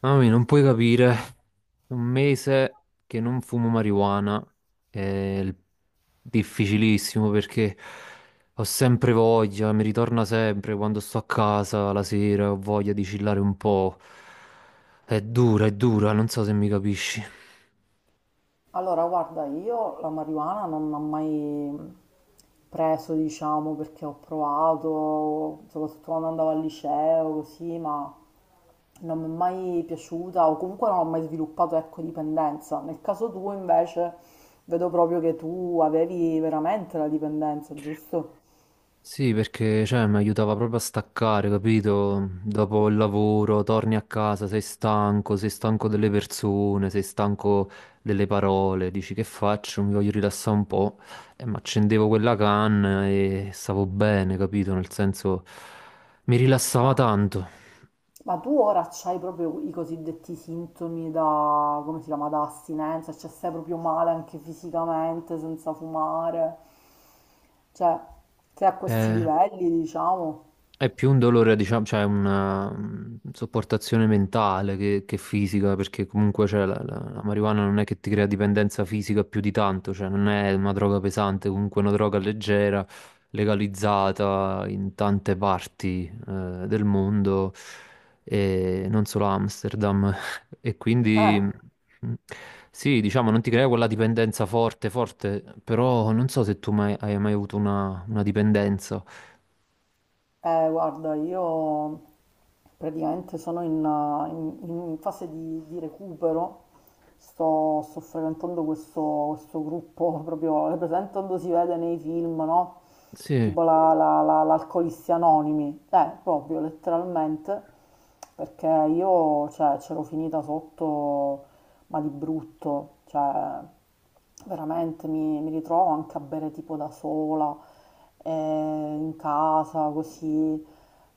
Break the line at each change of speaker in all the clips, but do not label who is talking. Mamma mia, non puoi capire, un mese che non fumo marijuana è il- difficilissimo perché ho sempre voglia, mi ritorna sempre quando sto a casa la sera, ho voglia di chillare un po'. È dura, non so se mi capisci.
Allora, guarda, io la marijuana non l'ho mai preso, diciamo, perché ho provato, soprattutto quando andavo al liceo, così, ma non mi è mai piaciuta o comunque non ho mai sviluppato, ecco, dipendenza. Nel caso tuo, invece, vedo proprio che tu avevi veramente la dipendenza, giusto?
Sì, perché cioè, mi aiutava proprio a staccare, capito? Dopo il lavoro, torni a casa, sei stanco delle persone, sei stanco delle parole, dici che faccio? Mi voglio rilassare un po'. E mi accendevo quella canna e stavo bene, capito? Nel senso, mi
Ma,
rilassava tanto.
ma tu ora c'hai proprio i cosiddetti sintomi da, come si chiama, da astinenza, cioè stai proprio male anche fisicamente, senza fumare. Cioè, se a questi
Eh,
livelli, diciamo.
È più un dolore, diciamo, cioè una sopportazione mentale che fisica, perché comunque cioè, la marijuana non è che ti crea dipendenza fisica più di tanto, cioè non è una droga pesante, comunque è una droga leggera, legalizzata in tante parti del mondo, e non solo a Amsterdam. E
eh,
quindi mm, sì, diciamo, non ti crea quella dipendenza forte, forte, però non so se tu mai, hai mai avuto una dipendenza.
Guarda, io praticamente sono in fase di recupero, sto frequentando questo gruppo, proprio, è presente quando si vede nei film, no?
Sì,
Tipo l'Alcolisti Anonimi, proprio letteralmente. Perché io, cioè, c'ero finita sotto, ma di brutto, cioè, veramente mi ritrovo anche a bere tipo da sola, in casa, così.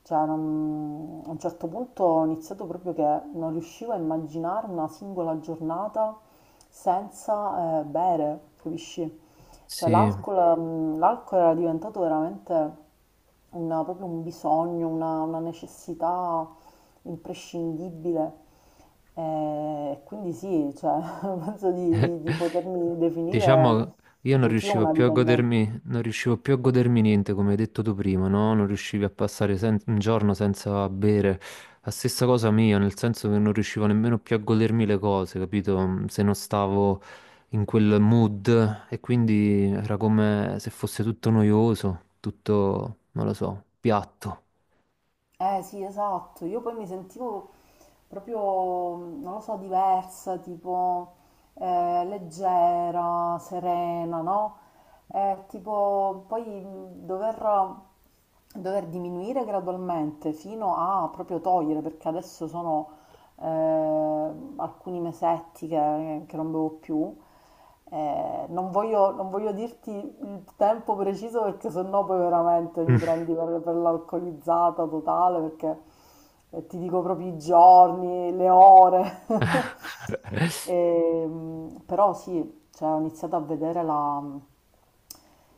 Cioè, a un certo punto ho iniziato proprio che non riuscivo a immaginare una singola giornata senza bere, capisci? Cioè,
sì.
l'alcol era diventato veramente una proprio un bisogno, una necessità imprescindibile. Quindi sì, cioè penso di potermi definire
Diciamo, io non
anch'io
riuscivo
una
più a
dipendenza.
godermi, non riuscivo più a godermi niente, come hai detto tu prima, no? Non riuscivi a passare sen- un giorno senza bere. La stessa cosa mia, nel senso che non riuscivo nemmeno più a godermi le cose, capito? Se non stavo in quel mood e quindi era come se fosse tutto noioso, tutto, non lo so, piatto.
Eh sì, esatto, io poi mi sentivo proprio, non lo so, diversa, tipo leggera, serena, no? Tipo poi dover diminuire gradualmente fino a proprio togliere, perché adesso sono eh, alcuni mesetti che non bevo più. Non voglio dirti il tempo preciso perché sennò poi veramente mi prendi per l'alcolizzata totale perché ti dico proprio i giorni, le ore. Però sì, poi cioè ho iniziato a vedere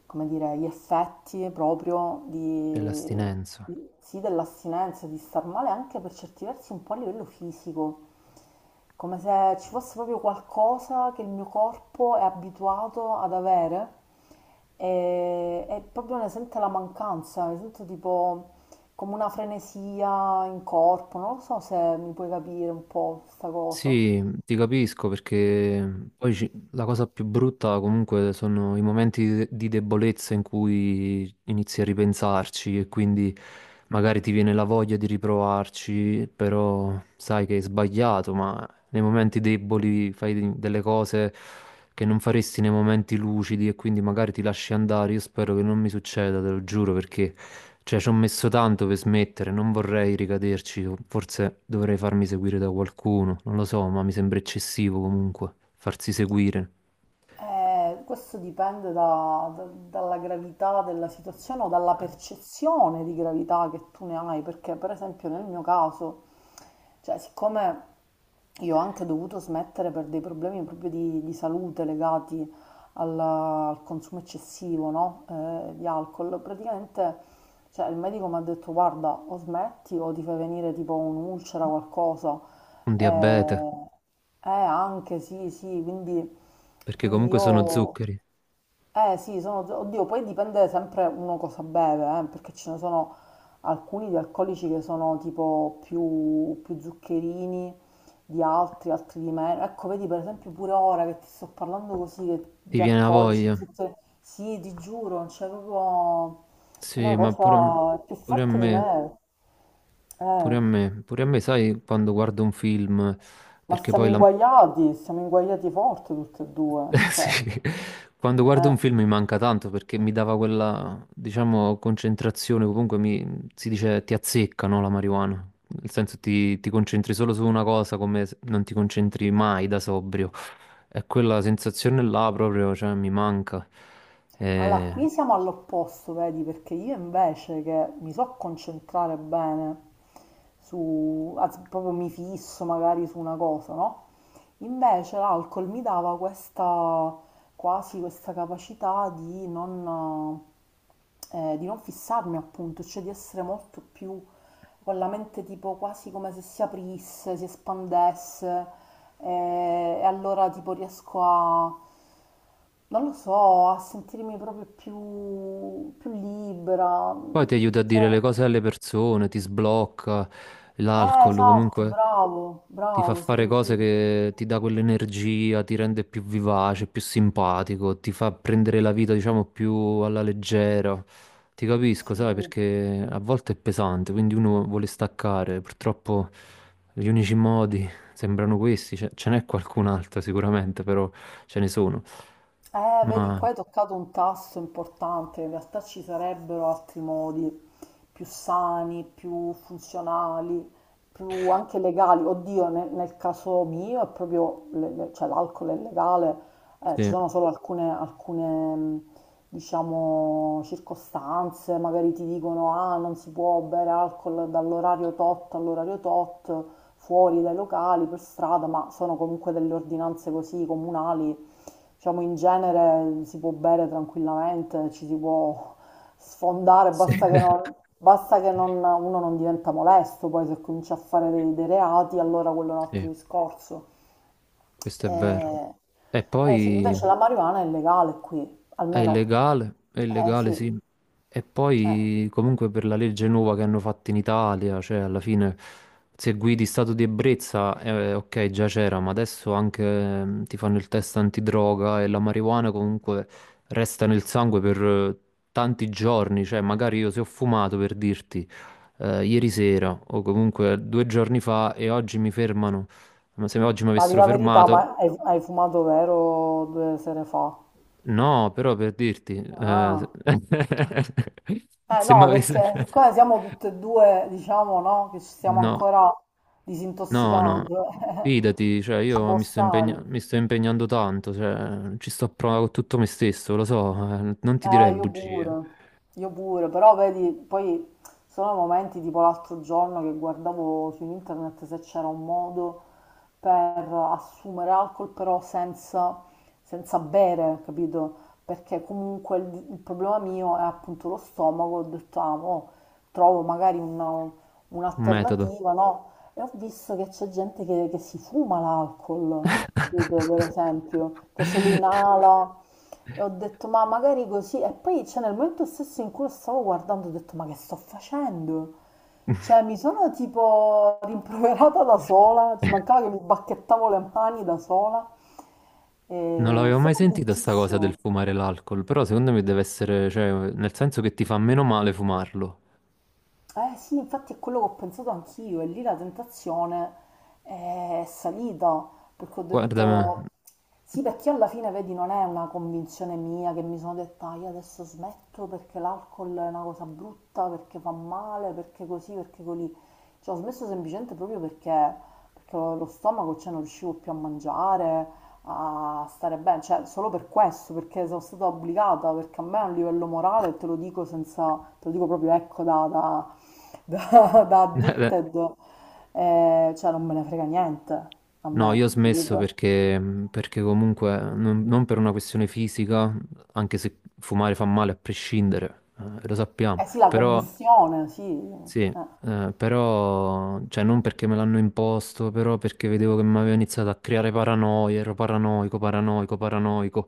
come dire, gli effetti proprio
Dell'astinenza.
sì, dell'astinenza, di star male anche per certi versi un po' a livello fisico, come se ci fosse proprio qualcosa che il mio corpo è abituato ad avere e proprio ne sente la mancanza, ne sento tipo come una frenesia in corpo, non lo so se mi puoi capire un po' questa cosa.
Sì, ti capisco perché poi la cosa più brutta comunque sono i momenti di di debolezza in cui inizi a ripensarci e quindi magari ti viene la voglia di riprovarci, però sai che hai sbagliato, ma nei momenti deboli fai delle cose che non faresti nei momenti lucidi e quindi magari ti lasci andare. Io spero che non mi succeda, te lo giuro, perché... Cioè, ci ho messo tanto per smettere, non vorrei ricaderci, o forse dovrei farmi seguire da qualcuno, non lo so, ma mi sembra eccessivo comunque farsi seguire.
Questo dipende dalla gravità della situazione o dalla percezione di gravità che tu ne hai, perché per esempio nel mio caso, cioè siccome io ho anche dovuto smettere per dei problemi proprio di salute legati al consumo eccessivo, no? Di alcol, praticamente cioè, il medico mi ha detto guarda o smetti o ti fai venire tipo un'ulcera o qualcosa.
Un diabete,
Eh, anche sì, sì, quindi,
perché
quindi
comunque sono
io,
zuccheri.
eh sì, sono, oddio, poi dipende sempre uno cosa beve, perché ce ne sono alcuni di alcolici che sono tipo più, più zuccherini di altri, altri di meno. Ecco, vedi per esempio pure ora che ti sto parlando così
Ti
di
viene la
alcolici,
voglia.
zuccheri, sì, ti giuro, c'è proprio è una
Sì, ma
cosa più
pure a
forte di
me,
me.
pure
Eh.
a me, pure a me, sai, quando guardo un film,
Ma
perché poi la,
siamo inguaiati forte tutte e due, cioè,
Sì. Quando guardo
eh.
un film mi manca tanto perché mi dava quella, diciamo, concentrazione, comunque mi, si dice ti azzecca, no, la marijuana. Nel senso ti, ti concentri solo su una cosa come se non ti concentri mai da sobrio. E quella sensazione là proprio, cioè, mi manca.
Allora,
Eh,
qui siamo all'opposto, vedi, perché io invece che mi so concentrare bene su, anzi, proprio mi fisso magari su una cosa, no? Invece l'alcol mi dava questa, quasi questa capacità di non fissarmi appunto, cioè di essere molto più con la mente tipo quasi come se si aprisse, si espandesse e allora tipo riesco a, non lo so, a sentirmi proprio più, più libera.
Poi ti aiuta a dire le
Cioè,
cose alle persone, ti sblocca l'alcol,
esatto,
comunque
bravo,
ti fa
bravo,
fare
sì,
cose
sì,
che ti dà quell'energia, ti rende più vivace, più simpatico, ti fa prendere la vita, diciamo, più alla leggera. Ti capisco,
sì.
sai, perché a volte è pesante, quindi uno vuole staccare. Purtroppo gli unici modi sembrano questi, ce n'è qualcun altro sicuramente, però ce ne sono.
Vedi,
Ma
qua hai toccato un tasto importante, in realtà ci sarebbero altri modi più sani, più funzionali, più anche legali. Oddio, nel caso mio è proprio, cioè l'alcol è legale, ci
sì,
sono solo alcune, diciamo, circostanze, magari ti dicono, ah, non si può bere alcol dall'orario tot all'orario tot, fuori dai locali, per strada, ma sono comunque delle ordinanze così comunali. Diciamo in genere si può bere tranquillamente, ci si può sfondare,
sì,
basta che non- uno non diventa molesto, poi se comincia a fare dei reati, allora quello è un altro
sì,
discorso.
questo è vero.
Eh,
E
eh sì,
poi
invece la marijuana è legale qui, almeno,
è
eh
illegale,
sì,
sì. E
eh.
poi comunque per la legge nuova che hanno fatto in Italia, cioè alla fine se guidi stato di ebbrezza, ok, già c'era, ma adesso anche ti fanno il test antidroga e la marijuana comunque resta nel sangue per tanti giorni, cioè magari io se ho fumato per dirti ieri sera o comunque 2 giorni fa e oggi mi fermano, ma se oggi mi
Ma di
avessero
la verità,
fermato...
ma hai fumato vero due sere fa?
No, però per dirti,
Ah. Eh
se mi
no,
avesse...
perché siccome siamo tutte e due, diciamo, no, che ci stiamo
No,
ancora
no, no,
disintossicando,
fidati, cioè
ci
io
può stare.
mi sto impegnando tanto, cioè ci sto a prova con tutto me stesso, lo so, non ti
Eh,
direi
io
bugie,
pure, io pure, però vedi, poi sono momenti tipo l'altro giorno che guardavo su internet se c'era un modo per assumere alcol però senza bere, capito? Perché comunque il problema mio è appunto lo stomaco, ho detto, ah, mo trovo magari
un metodo.
un'alternativa, no? E ho visto che c'è gente che si fuma l'alcol, capito? Per esempio, che se lo inala. E ho detto, ma magari così. E poi, c'è cioè, nel momento stesso in cui lo stavo guardando, ho detto, ma che sto facendo? Cioè, mi sono tipo rimproverata da sola, ci mancava che mi bacchettavo le mani da sola.
Non
E è
l'avevo mai
stato
sentita sta cosa del
bruttissimo.
fumare l'alcol, però secondo me deve essere, cioè, nel senso che ti fa meno male fumarlo.
Eh sì, infatti è quello che ho pensato anch'io e lì la tentazione è salita perché ho
Guarda,
detto sì, perché alla fine, vedi, non è una convinzione mia che mi sono detta "Ah, io adesso smetto perché l'alcol è una cosa brutta, perché fa male, perché così, perché così." Cioè, ho smesso semplicemente proprio perché lo stomaco, cioè, non riuscivo più a mangiare, a stare bene, cioè solo per questo, perché sono stata obbligata, perché a me a un livello morale, te lo dico senza, te lo dico proprio ecco da addicted, cioè non me ne frega niente a
No,
me,
io ho smesso
capito?
perché, perché comunque non, non per una questione fisica, anche se fumare fa male a prescindere, lo sappiamo,
Eh sì, la
però
combustione, sì.
sì,
Eh.
però cioè non perché me l'hanno imposto, però perché vedevo che mi aveva iniziato a creare paranoia, ero paranoico, paranoico, paranoico.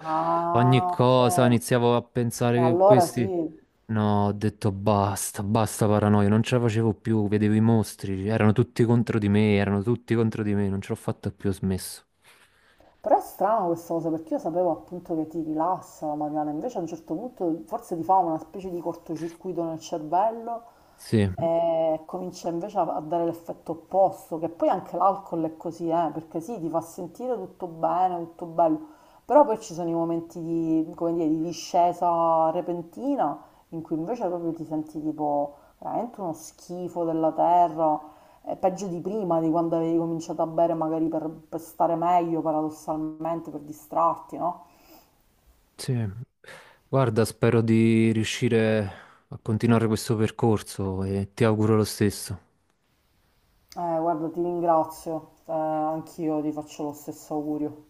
Ogni
Ah,
cosa
ok.
iniziavo a pensare
E
che
allora
questi...
sì.
No, ho detto basta, basta paranoia, non ce la facevo più, vedevo i mostri, erano tutti contro di me, erano tutti contro di me, non ce l'ho fatta più, ho smesso.
Però è strano questa cosa perché io sapevo appunto che ti rilassa la Mariana, invece a un certo punto forse ti fa una specie di cortocircuito nel cervello
Sì,
e comincia invece a dare l'effetto opposto, che poi anche l'alcol è così, perché sì, ti fa sentire tutto bene, tutto bello, però poi ci sono i momenti di, come dire, di discesa repentina in cui invece proprio ti senti tipo veramente uno schifo della terra, è peggio di prima, di quando avevi cominciato a bere magari per stare meglio, paradossalmente, per distrarti, no?
sì. Guarda, spero di riuscire a continuare questo percorso e ti auguro lo stesso.
Guarda, ti ringrazio, anch'io ti faccio lo stesso augurio.